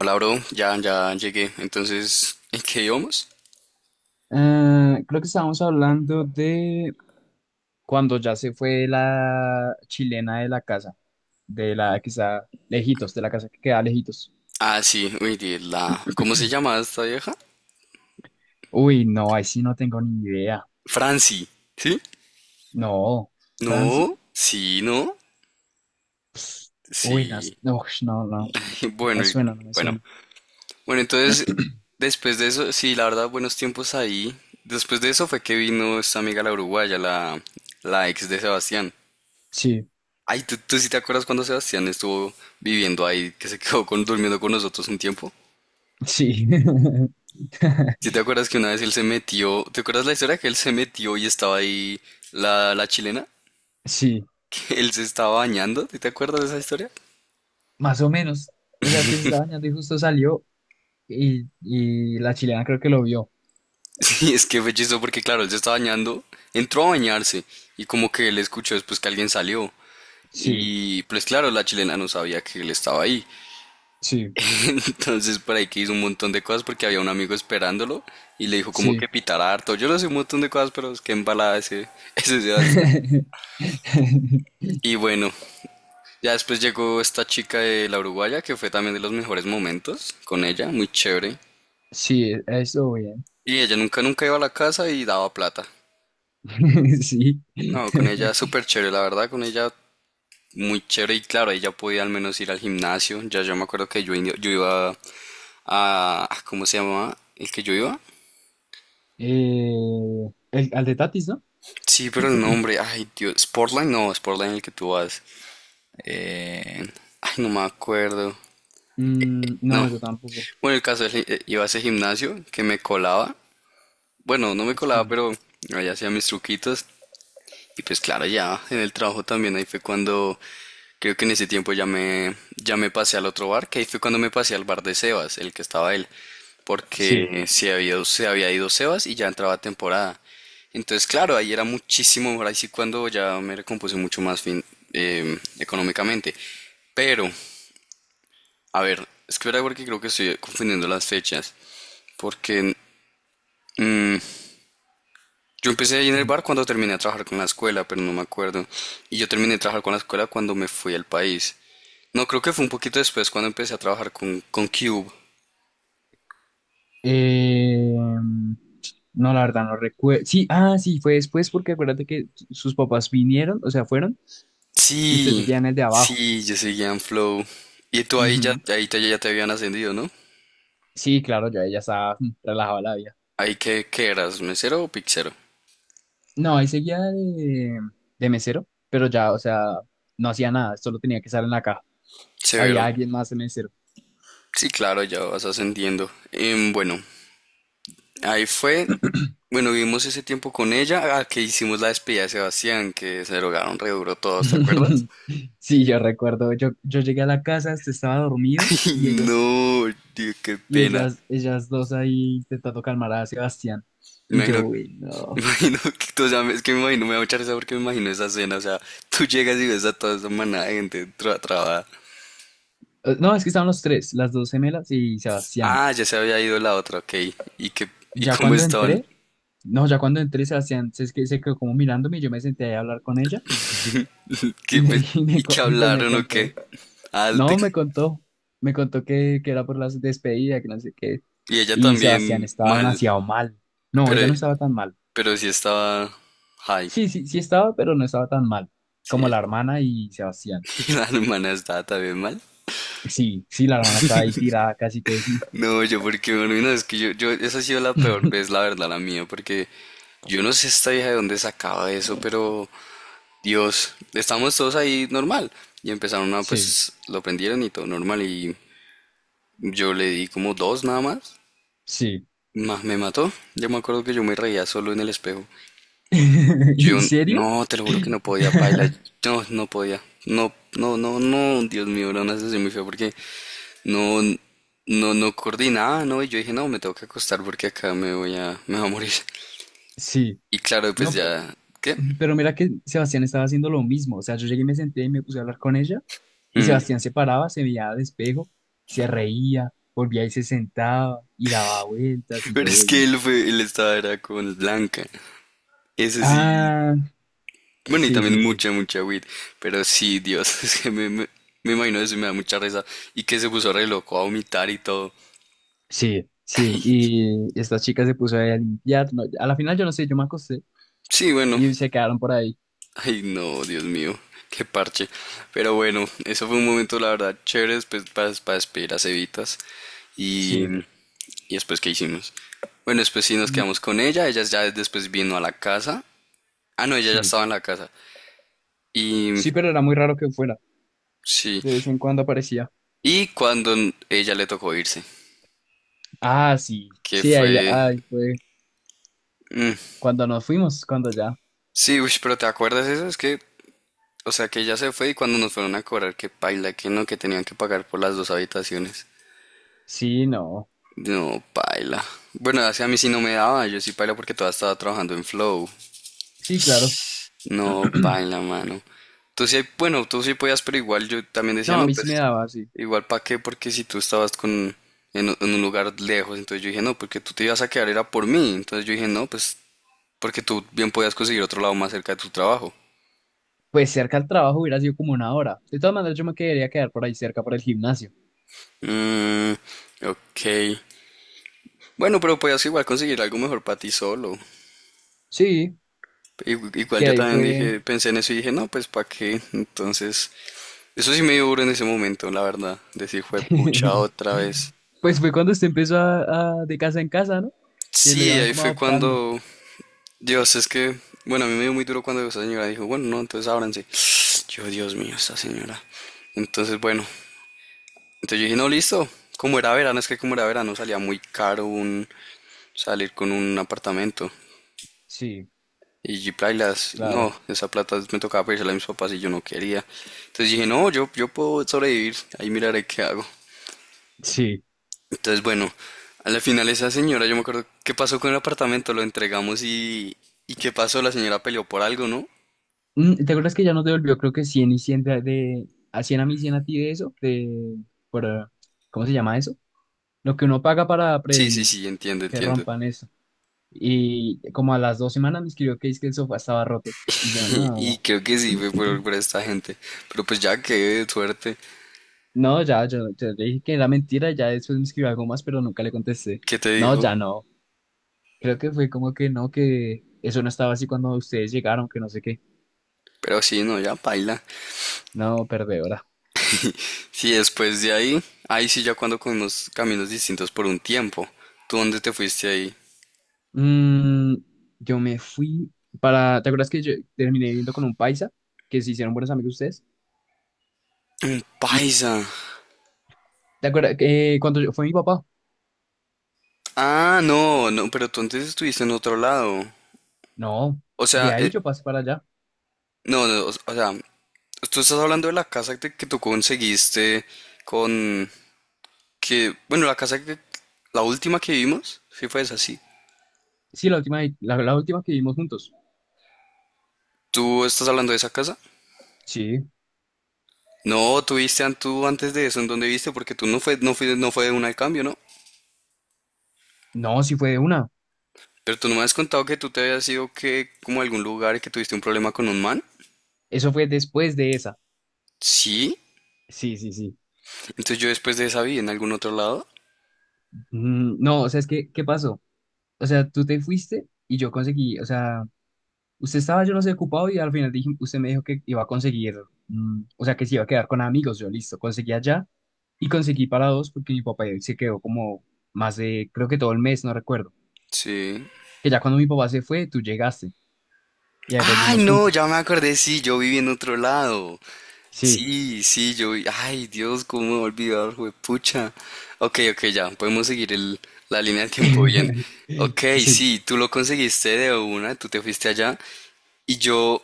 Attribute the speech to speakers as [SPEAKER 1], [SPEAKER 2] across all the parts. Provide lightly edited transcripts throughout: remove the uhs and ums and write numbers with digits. [SPEAKER 1] Hola, bro. Ya llegué. Entonces, ¿en qué íbamos?
[SPEAKER 2] Creo que estábamos hablando de cuando ya se fue la chilena de la casa, de la que está lejitos, de la casa que queda lejitos.
[SPEAKER 1] Ah, sí. Uy, la... ¿Cómo se llama esta vieja?
[SPEAKER 2] Uy, no, ahí sí no tengo ni idea.
[SPEAKER 1] Franci. ¿Sí?
[SPEAKER 2] No, Franci.
[SPEAKER 1] No. Sí, no.
[SPEAKER 2] Pss, uy, no,
[SPEAKER 1] Sí.
[SPEAKER 2] no, ush, no, no,
[SPEAKER 1] Bueno, y-
[SPEAKER 2] no me
[SPEAKER 1] bueno.
[SPEAKER 2] suena.
[SPEAKER 1] Bueno, entonces, después de eso, sí, la verdad, buenos tiempos ahí. Después de eso fue que vino esta amiga la uruguaya, la ex de Sebastián.
[SPEAKER 2] Sí,
[SPEAKER 1] Ay, ¿tú sí te acuerdas cuando Sebastián estuvo viviendo ahí, que se quedó con, durmiendo con nosotros un tiempo?
[SPEAKER 2] sí,
[SPEAKER 1] Si te acuerdas que una vez él se metió, ¿te acuerdas la historia que él se metió y estaba ahí la chilena?
[SPEAKER 2] sí,
[SPEAKER 1] Que él se estaba bañando, ¿sí ¿te acuerdas de esa historia?
[SPEAKER 2] más o menos. O sea, que se estaba bañando y justo salió y la chilena creo que lo vio.
[SPEAKER 1] Sí, es que fue chistoso porque claro, él se estaba bañando, entró a bañarse y como que él escuchó después que alguien salió
[SPEAKER 2] Sí,
[SPEAKER 1] y pues claro, la chilena no sabía que él estaba ahí.
[SPEAKER 2] sí,
[SPEAKER 1] Entonces por ahí que hizo un montón de cosas porque había un amigo esperándolo y le dijo como
[SPEAKER 2] sí.
[SPEAKER 1] que pitara harto. Yo no sé un montón de cosas, pero es que embalada ese, ese Sebastián. Y bueno. Ya después llegó esta chica de la Uruguaya, que fue también de los mejores momentos con ella, muy chévere.
[SPEAKER 2] Sí, eso bien.
[SPEAKER 1] Y ella nunca, nunca iba a la casa y daba plata.
[SPEAKER 2] Sí.
[SPEAKER 1] No, con ella súper chévere, la verdad, con ella muy chévere y claro, ella podía al menos ir al gimnasio. Ya yo me acuerdo que yo, yo iba a, ¿Cómo se llamaba? ¿El que yo iba?
[SPEAKER 2] Eh, el, al de Tatis, ¿no?
[SPEAKER 1] Sí, pero el nombre, ay Dios, Sportline, no, Sportline el que tú vas. Eh, ay, no me acuerdo.
[SPEAKER 2] Mm,
[SPEAKER 1] No.
[SPEAKER 2] no, yo tampoco.
[SPEAKER 1] Bueno, el caso es que iba a ese gimnasio que me colaba. Bueno, no me colaba,
[SPEAKER 2] Sí,
[SPEAKER 1] pero allá hacía mis truquitos. Y pues claro, ya en el trabajo también, ahí fue cuando creo que en ese tiempo ya me pasé al otro bar, que ahí fue cuando me pasé al bar de Sebas, el que estaba él,
[SPEAKER 2] sí.
[SPEAKER 1] porque se había ido Sebas y ya entraba temporada. Entonces, claro, ahí era muchísimo mejor, ahí sí cuando ya me recompuse mucho más fin, económicamente. Pero, a ver, es que verdad porque creo que estoy confundiendo las fechas, porque mm, yo empecé ahí en el
[SPEAKER 2] Ujú.
[SPEAKER 1] bar cuando terminé a trabajar con la escuela, pero no me acuerdo. Y yo terminé de trabajar con la escuela cuando me fui al país. No, creo que fue un poquito después cuando empecé a trabajar con Cube.
[SPEAKER 2] Eh, mm, no, la verdad, no recuerdo. Sí, ah, sí, fue después porque acuérdate que sus papás vinieron, o sea, fueron y usted
[SPEAKER 1] Sí,
[SPEAKER 2] seguía en el de abajo.
[SPEAKER 1] sí, yo seguía en Flow. Y tú ahí ya,
[SPEAKER 2] Ujú.
[SPEAKER 1] ahí te, ya te habían ascendido, ¿no?
[SPEAKER 2] Sí, claro, yo ella estaba mm, relajada la vida.
[SPEAKER 1] Ahí que, qué eras, mesero o pixero?
[SPEAKER 2] No, ahí seguía de mesero, pero ya, o sea, no hacía nada, solo tenía que estar en la caja. Había
[SPEAKER 1] Severo.
[SPEAKER 2] alguien más de mesero.
[SPEAKER 1] Sí, claro, ya vas ascendiendo. Bueno, ahí fue. Bueno, vivimos ese tiempo con ella, ah, que hicimos la despedida de Sebastián, que se drogaron re duro todos, ¿te acuerdas?
[SPEAKER 2] Sí, yo recuerdo, yo llegué a la casa, este estaba dormido y ellos
[SPEAKER 1] No, tío, qué
[SPEAKER 2] y
[SPEAKER 1] pena.
[SPEAKER 2] ellas dos ahí intentando calmar a Sebastián. Y
[SPEAKER 1] Me
[SPEAKER 2] yo,
[SPEAKER 1] imagino,
[SPEAKER 2] uy,
[SPEAKER 1] me
[SPEAKER 2] no.
[SPEAKER 1] imagino que, tú, o sea, es que me imagino, me da mucha risa porque me imagino esa escena, o sea, tú llegas y ves a toda esa manada de gente trabada.
[SPEAKER 2] No, es que estaban los tres, las dos gemelas y Sebastián.
[SPEAKER 1] Ah, ya se había ido la otra, ok. ¿Y qué, y
[SPEAKER 2] Ya
[SPEAKER 1] cómo
[SPEAKER 2] cuando
[SPEAKER 1] estaban?
[SPEAKER 2] entré, no, ya cuando entré, Sebastián se, es que se quedó como mirándome y yo me senté ahí a hablar con ella y
[SPEAKER 1] ¿Qué, pues,
[SPEAKER 2] me,
[SPEAKER 1] y qué
[SPEAKER 2] y pues me
[SPEAKER 1] hablaron o
[SPEAKER 2] contó,
[SPEAKER 1] qué? Alte.
[SPEAKER 2] no, me contó que era por la despedida, que no sé qué.
[SPEAKER 1] Y ella
[SPEAKER 2] Y Sebastián
[SPEAKER 1] también
[SPEAKER 2] estaba
[SPEAKER 1] mal,
[SPEAKER 2] demasiado mal. No,
[SPEAKER 1] pero,
[SPEAKER 2] ella no estaba tan mal.
[SPEAKER 1] pero sí estaba high.
[SPEAKER 2] Sí, sí, sí estaba, pero no estaba tan mal como
[SPEAKER 1] Sí,
[SPEAKER 2] la hermana y Sebastián.
[SPEAKER 1] y la hermana estaba también mal.
[SPEAKER 2] Sí, sí, la hermana estaba ahí tirada casi que...
[SPEAKER 1] No, yo porque, bueno, no, es que yo, esa ha sido la peor vez, la verdad, la mía, porque yo no sé esta vieja de dónde sacaba eso, pero Dios, estamos todos ahí normal. Y empezaron a,
[SPEAKER 2] Sí,
[SPEAKER 1] pues, lo prendieron y todo normal, y yo le di como dos nada más.
[SPEAKER 2] sí.
[SPEAKER 1] Me mató. Yo me acuerdo que yo me reía solo en el espejo. Yo,
[SPEAKER 2] ¿En serio?
[SPEAKER 1] no, te lo juro que no podía, paila. No, no podía. No, no, no, no, Dios mío, era una sensación muy fea porque no, no, no coordinaba, ¿no? Y yo dije, no, me tengo que acostar porque acá me voy a morir.
[SPEAKER 2] Sí.
[SPEAKER 1] Y claro, pues
[SPEAKER 2] No,
[SPEAKER 1] ya, ¿qué?
[SPEAKER 2] pero mira que Sebastián estaba haciendo lo mismo. O sea, yo llegué y me senté y me puse a hablar con ella y Sebastián
[SPEAKER 1] Mm.
[SPEAKER 2] se paraba, se veía al espejo, se reía, volvía y se sentaba y daba vueltas y
[SPEAKER 1] Pero
[SPEAKER 2] yo,
[SPEAKER 1] es
[SPEAKER 2] bueno.
[SPEAKER 1] que él fue, él estaba era con Blanca. Ese sí,
[SPEAKER 2] Ah,
[SPEAKER 1] bueno, y
[SPEAKER 2] sí, sí,
[SPEAKER 1] también
[SPEAKER 2] sí.
[SPEAKER 1] mucha, mucha weed. Pero sí, Dios, es que me imagino eso y me da mucha risa. Y que se puso re loco a vomitar y todo.
[SPEAKER 2] Sí, sí, y estas chicas se puso ahí a limpiar. No, a la final yo no sé, yo me acosté
[SPEAKER 1] Sí, bueno,
[SPEAKER 2] y se quedaron por ahí.
[SPEAKER 1] ay no, Dios mío, qué parche. Pero bueno, eso fue un momento, la verdad, chévere, pues para despedir a Cevitas. Y.
[SPEAKER 2] Sí,
[SPEAKER 1] ¿Y después qué hicimos? Bueno, después sí nos
[SPEAKER 2] mm,
[SPEAKER 1] quedamos con ella. Ella ya después vino a la casa. Ah, no, ella ya
[SPEAKER 2] sí,
[SPEAKER 1] estaba en la casa. Y
[SPEAKER 2] sí, pero era muy raro que fuera.
[SPEAKER 1] sí.
[SPEAKER 2] De vez en cuando aparecía.
[SPEAKER 1] Y cuando ella le tocó irse,
[SPEAKER 2] Ah, sí,
[SPEAKER 1] que
[SPEAKER 2] sí, ahí ya,
[SPEAKER 1] fue...
[SPEAKER 2] ay, fue cuando nos fuimos, cuando ya.
[SPEAKER 1] Sí, uy, pero ¿te acuerdas eso? Es que, o sea, que ella se fue y cuando nos fueron a cobrar, que paila, que no, que tenían que pagar por las dos habitaciones.
[SPEAKER 2] Sí, no,
[SPEAKER 1] No, paila. Bueno, así a mí sí no me daba, yo sí paila porque todavía estaba trabajando en Flow.
[SPEAKER 2] sí, claro.
[SPEAKER 1] No, paila, mano. Tú sí, bueno, tú sí podías, pero igual yo también decía,
[SPEAKER 2] No, a
[SPEAKER 1] no,
[SPEAKER 2] mí sí me
[SPEAKER 1] pues,
[SPEAKER 2] daba sí.
[SPEAKER 1] igual para qué, porque si tú estabas con, un en un lugar lejos, entonces yo dije, no, porque tú te ibas a quedar era por mí. Entonces yo dije, no, pues, porque tú bien podías conseguir otro lado más cerca de tu trabajo.
[SPEAKER 2] Pues cerca al trabajo hubiera sido como una hora. De todas maneras, yo me quería quedar por ahí cerca para el gimnasio.
[SPEAKER 1] Mm, ok. Bueno, pero podías igual conseguir algo mejor para ti solo.
[SPEAKER 2] Sí,
[SPEAKER 1] Igual
[SPEAKER 2] que
[SPEAKER 1] yo
[SPEAKER 2] ahí
[SPEAKER 1] también
[SPEAKER 2] fue.
[SPEAKER 1] dije, pensé en eso y dije, no, pues para qué. Entonces, eso sí me dio duro en ese momento, la verdad. Decir, fue pucha otra vez.
[SPEAKER 2] Pues fue cuando usted empezó a, de casa en casa, ¿no? Que lo
[SPEAKER 1] Sí,
[SPEAKER 2] iban
[SPEAKER 1] ahí
[SPEAKER 2] como
[SPEAKER 1] fue
[SPEAKER 2] adoptando.
[SPEAKER 1] cuando, Dios, es que, bueno, a mí me dio muy duro cuando esa señora dijo, bueno, no, entonces ábranse. Yo, Dios mío, esta señora. Entonces, bueno, entonces yo dije, no, listo. Como era verano, es que como era verano salía muy caro un, salir con un apartamento.
[SPEAKER 2] Sí,
[SPEAKER 1] Y plailas, no,
[SPEAKER 2] claro.
[SPEAKER 1] esa plata me tocaba pedírsela a mis papás y yo no quería. Entonces dije, no, yo puedo sobrevivir, ahí miraré qué hago.
[SPEAKER 2] Sí.
[SPEAKER 1] Entonces, bueno, a la final esa señora, yo me acuerdo, ¿qué pasó con el apartamento? Lo entregamos y... ¿Y qué pasó? La señora peleó por algo, ¿no?
[SPEAKER 2] Mm, ¿te acuerdas que ya nos devolvió, creo que 100 y 100 de, a 100 a mí, 100 a ti de eso? De, por, ¿cómo se llama eso? Lo que uno paga para
[SPEAKER 1] Sí, sí,
[SPEAKER 2] prevenir
[SPEAKER 1] sí, entiendo,
[SPEAKER 2] que
[SPEAKER 1] entiendo.
[SPEAKER 2] rompan eso. Y como a las dos semanas me escribió que es que el sofá estaba roto. Y yo,
[SPEAKER 1] Y
[SPEAKER 2] no,
[SPEAKER 1] creo que sí fue por esta gente. Pero pues ya, qué suerte.
[SPEAKER 2] no, ya, yo le dije que era mentira, ya después me escribió algo más, pero nunca le contesté.
[SPEAKER 1] ¿Qué te
[SPEAKER 2] No,
[SPEAKER 1] dijo?
[SPEAKER 2] ya no. Creo que fue como que no, que eso no estaba así cuando ustedes llegaron, que no sé qué.
[SPEAKER 1] Pero sí, no, ya paila.
[SPEAKER 2] No, perdedora.
[SPEAKER 1] Sí, después de ahí, ahí sí ya cuando con unos caminos distintos por un tiempo. ¿Tú dónde te fuiste ahí?
[SPEAKER 2] Mm, yo me fui para. ¿Te acuerdas que yo terminé viendo con un paisa? Que se hicieron buenos amigos ustedes. Mm,
[SPEAKER 1] Paisa.
[SPEAKER 2] ¿te acuerdas que cuando fue mi papá?
[SPEAKER 1] Ah, no, no, pero tú antes estuviste en otro lado.
[SPEAKER 2] No,
[SPEAKER 1] O
[SPEAKER 2] de
[SPEAKER 1] sea,
[SPEAKER 2] ahí yo pasé para allá.
[SPEAKER 1] no, no, o sea, tú estás hablando de la casa que tú conseguiste con que, bueno, la casa que, la última que vimos, sí fue esa, sí.
[SPEAKER 2] Sí, la última, la última que vimos juntos.
[SPEAKER 1] ¿Tú estás hablando de esa casa?
[SPEAKER 2] Sí.
[SPEAKER 1] No, tú viste tú antes de eso, ¿en dónde viste? Porque tú no fue, no fue, no fue de una al cambio, ¿no?
[SPEAKER 2] No, sí fue de una.
[SPEAKER 1] Pero tú no me has contado que tú te habías ido que, como a algún lugar y que tuviste un problema con un man.
[SPEAKER 2] Eso fue después de esa.
[SPEAKER 1] Sí.
[SPEAKER 2] Sí, sí, sí.
[SPEAKER 1] Entonces yo después de esa vi en algún otro lado.
[SPEAKER 2] Mm, no, o sea, es que, ¿qué pasó? O sea, tú te fuiste y yo conseguí, o sea. Usted estaba, yo no sé, ocupado y al final dije, usted me dijo que iba a conseguir, mm, o sea, que se iba a quedar con amigos. Yo, listo, conseguí allá y conseguí para dos porque mi papá se quedó como más de, creo que todo el mes, no recuerdo.
[SPEAKER 1] Sí.
[SPEAKER 2] Que ya cuando mi papá se fue, tú llegaste y ahí
[SPEAKER 1] Ay,
[SPEAKER 2] volvimos
[SPEAKER 1] no,
[SPEAKER 2] juntos.
[SPEAKER 1] ya me acordé, sí, yo viví en otro lado.
[SPEAKER 2] Sí,
[SPEAKER 1] Sí, sí, yo vi. Ay, Dios, cómo me voy a olvidar, juepucha. Ok, ok, ya, podemos seguir el, la línea de tiempo bien. Ok,
[SPEAKER 2] sí.
[SPEAKER 1] sí, tú lo conseguiste de una, tú te fuiste allá. Y yo,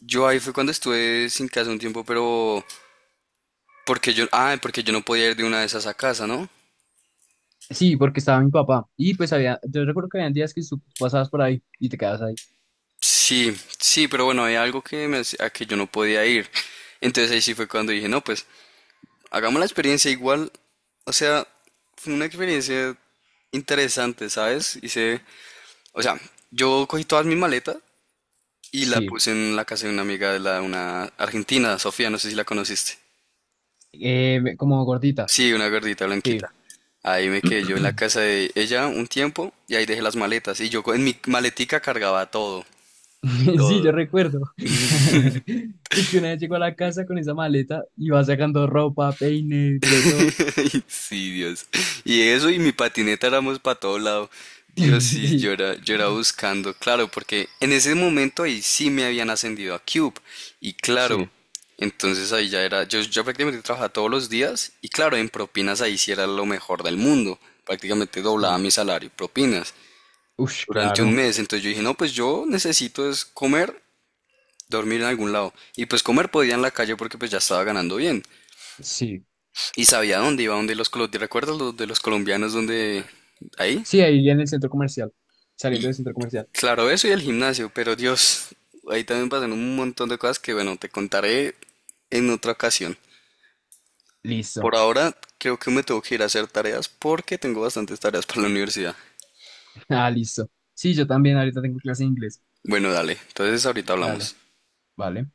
[SPEAKER 1] yo ahí fue cuando estuve sin casa un tiempo, pero porque yo, ah, porque yo no podía ir de una de esas a casa, ¿no?
[SPEAKER 2] Sí, porque estaba mi papá. Y pues había, yo recuerdo que habían días que tú pasabas por ahí y te quedabas ahí.
[SPEAKER 1] Sí, sí, pero bueno, había algo que me a que yo no podía ir. Entonces ahí sí fue cuando dije, no, pues, hagamos la experiencia igual. O sea, fue una experiencia interesante, ¿sabes? Hice. O sea, yo cogí todas mis maletas y la
[SPEAKER 2] Sí,
[SPEAKER 1] puse en la casa de una amiga de la, una argentina, Sofía, no sé si la conociste.
[SPEAKER 2] eh, como gordita.
[SPEAKER 1] Sí, una gordita blanquita. Ahí me quedé yo en la casa de ella un tiempo y ahí dejé las maletas. Y yo en mi maletica cargaba todo.
[SPEAKER 2] Sí, yo recuerdo. Que si una vez llegó a la casa con esa maleta y va sacando ropa, peine, de todo.
[SPEAKER 1] Sí, Dios. Y eso y mi patineta éramos para todo lado. Dios, sí, yo era buscando, claro, porque en ese momento ahí sí me habían ascendido a Cube. Y
[SPEAKER 2] Sí,
[SPEAKER 1] claro,
[SPEAKER 2] sí,
[SPEAKER 1] entonces ahí ya era, yo prácticamente trabajaba todos los días y claro, en propinas ahí sí era lo mejor del mundo. Prácticamente doblaba
[SPEAKER 2] sí.
[SPEAKER 1] mi salario, en propinas,
[SPEAKER 2] Ush,
[SPEAKER 1] durante un
[SPEAKER 2] claro.
[SPEAKER 1] mes. Entonces yo dije, no, pues yo necesito es comer, dormir en algún lado. Y pues comer podía en la calle porque pues ya estaba ganando bien.
[SPEAKER 2] Sí.
[SPEAKER 1] Y sabía dónde iba, donde los, ¿te recuerdas los de los colombianos donde ahí?
[SPEAKER 2] Sí, ahí en el centro comercial. Saliendo
[SPEAKER 1] Y
[SPEAKER 2] del centro comercial.
[SPEAKER 1] claro, eso y el gimnasio, pero Dios, ahí también pasan un montón de cosas que bueno, te contaré en otra ocasión. Por
[SPEAKER 2] Listo.
[SPEAKER 1] ahora creo que me tengo que ir a hacer tareas porque tengo bastantes tareas para la universidad.
[SPEAKER 2] Ah, listo. Sí, yo también ahorita tengo clase de inglés.
[SPEAKER 1] Bueno, dale, entonces ahorita
[SPEAKER 2] Dale,
[SPEAKER 1] hablamos.
[SPEAKER 2] vale.